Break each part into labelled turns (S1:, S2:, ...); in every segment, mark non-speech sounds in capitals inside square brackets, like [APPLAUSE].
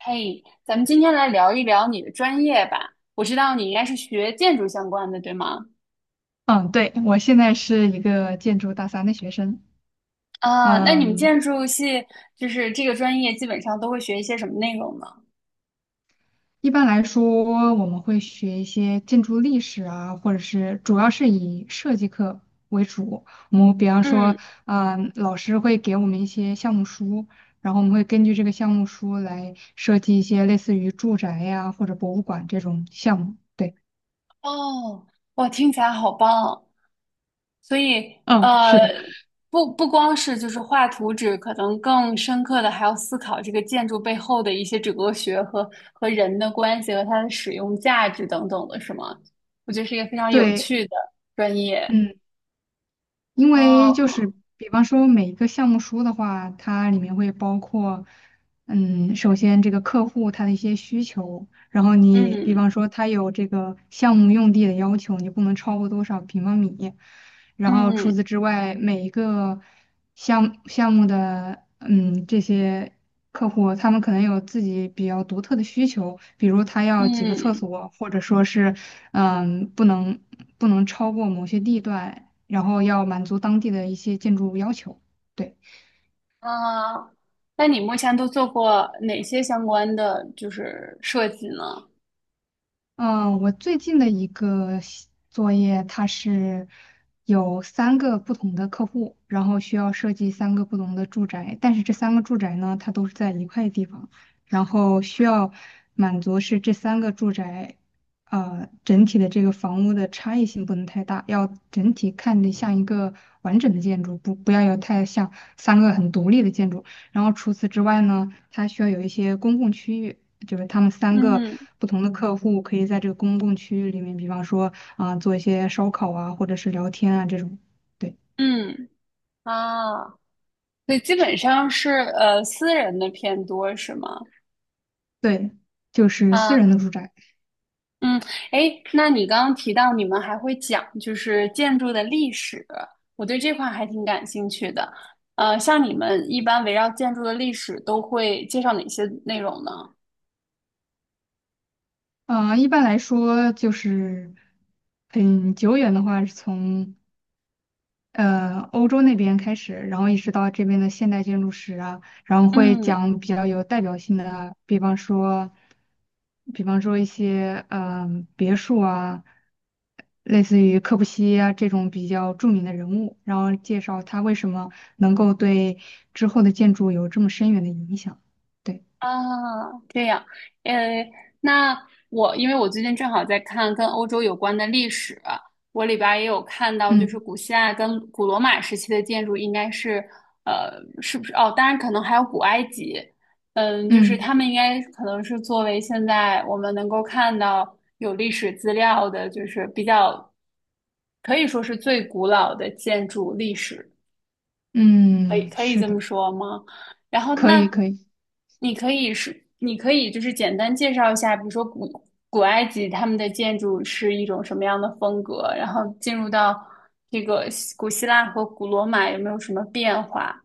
S1: 嘿，咱们今天来聊一聊你的专业吧。我知道你应该是学建筑相关的，对吗？
S2: 嗯，对，我现在是一个建筑大三的学生。
S1: 啊，那你们
S2: 嗯，
S1: 建筑系这个专业，基本上都会学一些什么内容呢？
S2: 一般来说，我们会学一些建筑历史啊，或者是主要是以设计课为主。我们比方说，
S1: 嗯，
S2: 老师会给我们一些项目书，然后我们会根据这个项目书来设计一些类似于住宅呀、或者博物馆这种项目。对，
S1: 哦，哇，听起来好棒。所以，
S2: 嗯，是的，
S1: 不光是画图纸，可能更深刻的还要思考这个建筑背后的一些哲学和人的关系和它的使用价值等等的，是吗？我觉得是一个非常有
S2: 对。
S1: 趣的专业。
S2: 嗯。因为
S1: 哦，
S2: 就是比方说每一个项目书的话，它里面会包括，首先这个客户他的一些需求，然后你比方
S1: 嗯。
S2: 说他有这个项目用地的要求，你不能超过多少平方米，然后除
S1: 嗯
S2: 此之外，每一个项目的这些客户，他们可能有自己比较独特的需求，比如他要几个厕
S1: 嗯。
S2: 所，或者说是嗯不能不能超过某些地段。然后要满足当地的一些建筑要求。对，
S1: 啊，那你目前都做过哪些相关的设计呢？
S2: 嗯，我最近的一个西作业，它是有三个不同的客户，然后需要设计三个不同的住宅，但是这三个住宅呢，它都是在一块地方，然后需要满足是这三个住宅。整体的这个房屋的差异性不能太大，要整体看着像一个完整的建筑，不要有太像三个很独立的建筑。然后除此之外呢，它需要有一些公共区域，就是他们三个
S1: 嗯
S2: 不同的客户可以在这个公共区域里面，比方说啊、做一些烧烤啊，或者是聊天啊这种。对
S1: 嗯。啊，所以基本上是私人的偏多是吗？
S2: 对，就是私
S1: 啊，
S2: 人的住宅。
S1: 嗯，诶，那你刚刚提到你们还会讲建筑的历史，我对这块还挺感兴趣的。呃，像你们一般围绕建筑的历史都会介绍哪些内容呢？
S2: 啊、一般来说就是很久远的话，是从欧洲那边开始，然后一直到这边的现代建筑史啊，然后会
S1: 嗯。
S2: 讲比较有代表性的，比方说，一些别墅啊，类似于柯布西耶啊这种比较著名的人物，然后介绍他为什么能够对之后的建筑有这么深远的影响。对，
S1: 啊，这样，呃，那我因为我最近正好在看跟欧洲有关的历史，我里边儿也有看到，就是
S2: 嗯
S1: 古希腊跟古罗马时期的建筑应该是，呃，是不是？哦，当然可能还有古埃及，嗯，就是
S2: 嗯
S1: 他们应该可能是作为现在我们能够看到有历史资料的，就是比较可以说是最古老的建筑历史。可以
S2: 嗯，
S1: 可以
S2: 是
S1: 这
S2: 的，
S1: 么说吗？然后
S2: 可以
S1: 那
S2: 可以。
S1: 你可以是，你可以简单介绍一下，比如说古埃及他们的建筑是一种什么样的风格，然后进入到这个古希腊和古罗马有没有什么变化？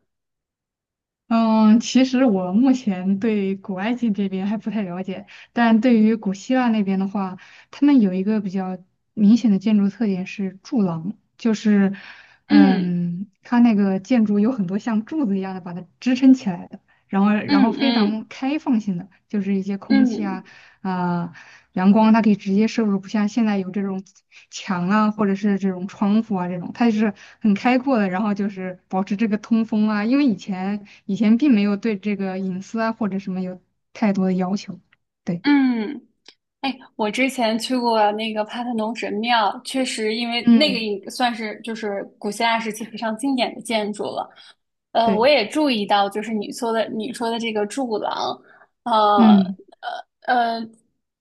S2: 嗯，其实我目前对古埃及这边还不太了解，但对于古希腊那边的话，他们有一个比较明显的建筑特点是柱廊，就是，
S1: 嗯
S2: 它那个建筑有很多像柱子一样的把它支撑起来的，然后然
S1: 嗯
S2: 后非
S1: 嗯
S2: 常开放性的，就是一些空气啊，
S1: 嗯
S2: 啊、阳光它可以直接摄入，不像现在有这种墙啊，或者是这种窗户啊这种，它就是很开阔的，然后就是保持这个通风啊，因为以前并没有对这个隐私啊或者什么有太多的要求，对，
S1: 嗯。哎，我之前去过那个帕特农神庙，确实，因为那个
S2: 嗯，
S1: 也算是就是古希腊时期非常经典的建筑了。呃，我
S2: 对，
S1: 也注意到，你说的这个柱廊，呃，
S2: 嗯
S1: 呃，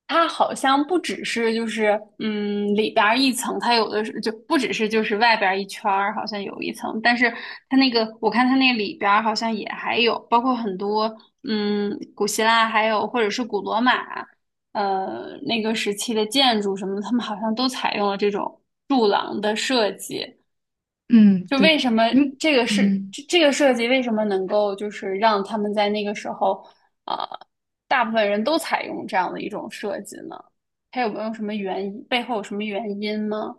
S1: 它好像不只是里边儿一层，它有的是不只是外边儿一圈儿，好像有一层，但是它那个我看它那里边儿好像也还有，包括很多古希腊还有或者是古罗马，呃那个时期的建筑什么，他们好像都采用了这种柱廊的设计，
S2: 嗯
S1: 就为
S2: 对，
S1: 什么
S2: 因嗯。
S1: 这个设计为什么能够让他们在那个时候，啊、呃大部分人都采用这样的一种设计呢？它有没有什么原因？背后有什么原因吗？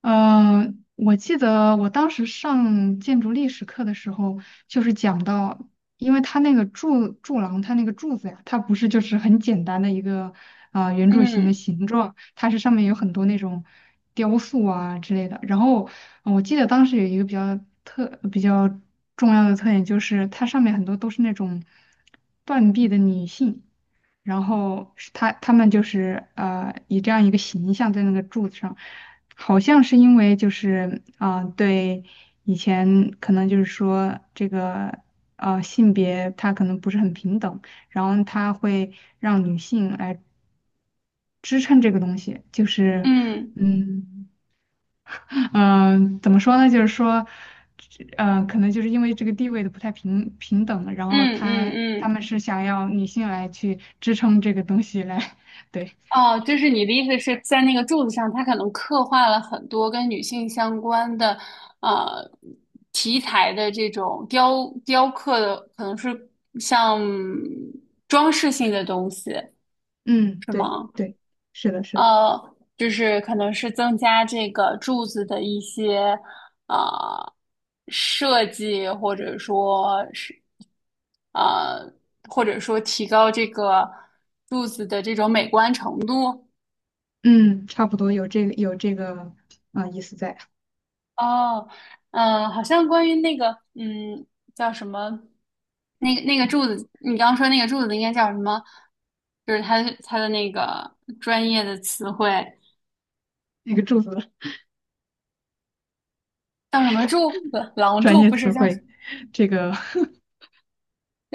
S2: 嗯，我记得我当时上建筑历史课的时候，就是讲到，因为它那个柱廊，它那个柱子呀，它不是就是很简单的一个圆柱形的
S1: 嗯
S2: 形状，它是上面有很多那种雕塑啊之类的。然后我记得当时有一个比较比较重要的特点，就是它上面很多都是那种断臂的女性。然后是他们就是以这样一个形象在那个柱子上，好像是因为就是啊、对以前可能就是说这个性别它可能不是很平等，然后它会让女性来支撑这个东西，就是
S1: 嗯
S2: 嗯嗯、怎么说呢？就是说可能就是因为这个地位的不太平等，然后
S1: 嗯嗯
S2: 他他
S1: 嗯。
S2: 们是想要女性来去支撑这个东西来 [LAUGHS] 对。
S1: 哦，就是你的意思是在那个柱子上，它可能刻画了很多跟女性相关的，呃，题材的这种雕刻的，可能是像装饰性的东西，
S2: 嗯，
S1: 是
S2: 对
S1: 吗？
S2: 对，是的，是的，
S1: 呃，就是可能是增加这个柱子的一些呃设计，或者说是呃，或者说提高这个柱子的这种美观程度。
S2: 嗯，差不多有这个啊、意思在，
S1: 哦，好像关于那个嗯叫什么那个柱子，你刚刚说那个柱子应该叫什么？就是它那个专业的词汇
S2: 那个柱子的
S1: 叫什么柱？廊
S2: 专
S1: 柱
S2: 业
S1: 不是
S2: 词
S1: 叫？
S2: 汇，这个 [LAUGHS]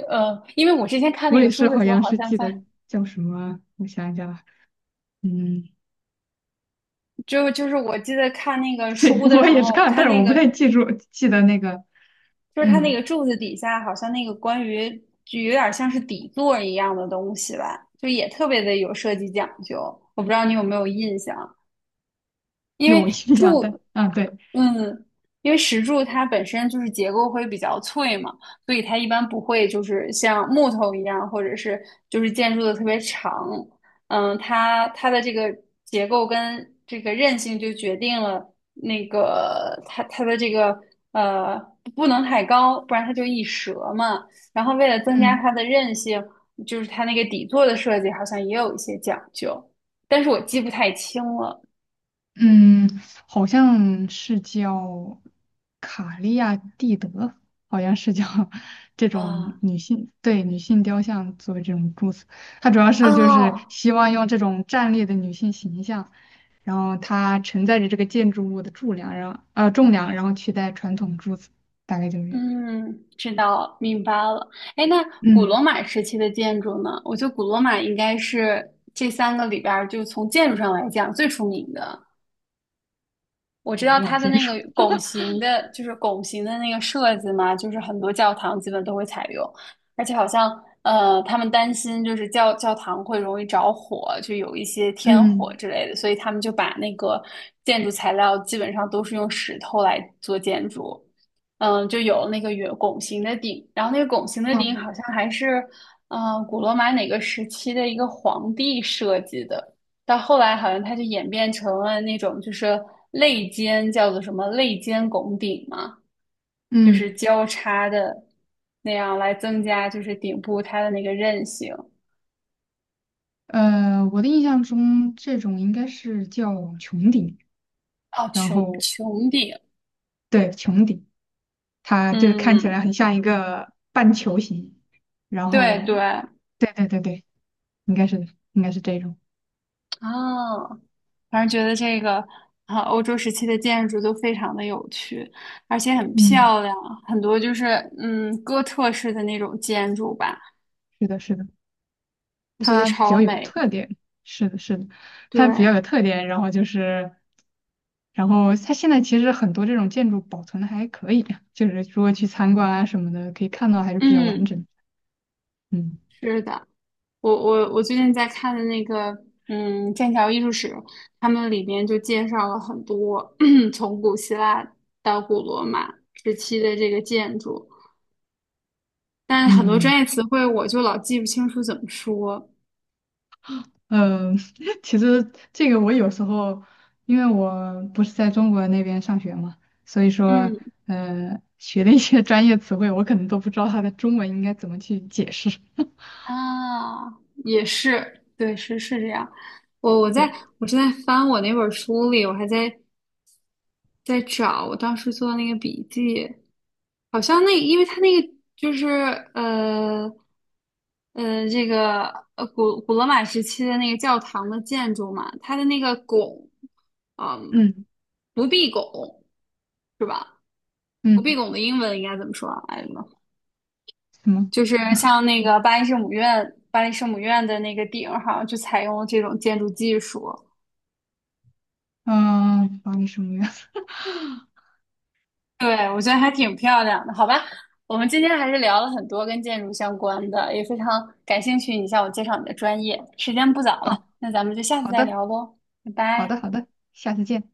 S1: 呃，因为我之前看
S2: 我
S1: 那个
S2: 也
S1: 书
S2: 是
S1: 的
S2: 好
S1: 时候，
S2: 像
S1: 好
S2: 是
S1: 像
S2: 记得
S1: 在，
S2: 叫什么，我想一下啊，嗯，
S1: 就是我记得看那个
S2: 对，
S1: 书的
S2: 我
S1: 时
S2: 也是
S1: 候，
S2: 看
S1: 它
S2: 但是
S1: 那
S2: 我不
S1: 个
S2: 太记得那个，
S1: 就是它那
S2: 嗯，
S1: 个柱子底下，好像那个关于就有点像是底座一样的东西吧，就也特别的有设计讲究。我不知道你有没有印象。因
S2: 有
S1: 为
S2: 印象的，
S1: 柱，
S2: 啊对，
S1: 嗯，因为石柱它本身就是结构会比较脆嘛，所以它一般不会就是像木头一样，或者是就是建筑的特别长。嗯，它这个结构跟这个韧性就决定了那个它这个呃不能太高，不然它就易折嘛。然后为了增加
S2: 嗯。
S1: 它的韧性，就是它那个底座的设计好像也有一些讲究，但是我记不太清了。
S2: 嗯，好像是叫卡利亚蒂德，好像是叫 [LAUGHS] 这种
S1: 啊、
S2: 女性，对，女性雕像作为这种柱子，它主要是就是
S1: 哦，
S2: 希望用这种站立的女性形象，然后它承载着这个建筑物的柱梁，然后重量，然后取代传统柱子，大概就是这样。
S1: 嗯，知道，明白了。哎，那古罗
S2: 嗯，
S1: 马时期的建筑呢？我觉得古罗马应该是这三个里边儿，就从建筑上来讲最出名的。我知
S2: 我
S1: 道
S2: 罗马
S1: 它的
S2: 建
S1: 那
S2: 筑。
S1: 个拱形的，拱形的那个设计嘛，就是很多教堂基本都会采用，而且好像他们担心教堂会容易着火，就有一些天火
S2: 嗯，
S1: 之类的，所以他们就把那个建筑材料基本上都是用石头来做建筑，嗯，就有那个圆拱形的顶，然后那个拱形的顶
S2: 哦，
S1: 好像还是古罗马哪个时期的一个皇帝设计的。到后来好像它就演变成了那种就是肋间叫做什么肋间拱顶嘛，就是
S2: 嗯，
S1: 交叉的那样来增加就是顶部它的那个韧性。
S2: 我的印象中这种应该是叫穹顶，
S1: 哦，
S2: 然后
S1: 穹顶，
S2: 对穹顶。它就是看起
S1: 嗯，
S2: 来很像一个半球形，然
S1: 对对
S2: 后，
S1: 啊，
S2: 对对对对，应该是的，应该是这种，
S1: 反正觉得这个啊，欧洲时期的建筑都非常的有趣，而且很
S2: 嗯，
S1: 漂亮，很多就是哥特式的那种建筑吧，
S2: 是的，是的，
S1: 我觉得
S2: 它比
S1: 超
S2: 较有
S1: 美。
S2: 特点，是的，是的，
S1: 对，
S2: 它比较有特点，然后就是，然后它现在其实很多这种建筑保存的还可以，就是如果去参观啊什么的，可以看到还是比较完
S1: 嗯，
S2: 整，嗯
S1: 是的。我最近在看的那个，嗯，剑桥艺术史，他们里边就介绍了很多 [CLEARS THROAT] 从古希腊到古罗马时期的这个建筑，但是很多
S2: 嗯。
S1: 专业词汇我就老记不清楚怎么说。
S2: 嗯，[LAUGHS] 其实这个我有时候，因为我不是在中国那边上学嘛，所以说，
S1: 嗯。
S2: 学的一些 [LAUGHS] 专业词汇，我可能都不知道它的中文应该怎么去解释。[LAUGHS]
S1: 啊，也是，对，是这样。我我在
S2: 对，
S1: 我正在翻我那本书里，我还在在找我当时做的那个笔记，好像那因为他那个就是呃呃这个古罗马时期的那个教堂的建筑嘛，它的那个拱，嗯，
S2: 嗯
S1: 不闭拱是吧？不闭
S2: 嗯，
S1: 拱的英文应该怎么说啊？哎，
S2: 什么？
S1: 就是像那个巴黎圣母院，巴黎圣母院的那个顶儿，好像就采用了这种建筑技术。
S2: 嗯，法你什么呀？
S1: 对，我觉得还挺漂亮的，好吧？我们今天还是聊了很多跟建筑相关的，也非常感兴趣你向我介绍你的专业。时间不早
S2: [LAUGHS] 哦，
S1: 了，那咱们就下次
S2: 好
S1: 再
S2: 的，
S1: 聊喽，拜
S2: 好的，
S1: 拜。
S2: 好的，下次见。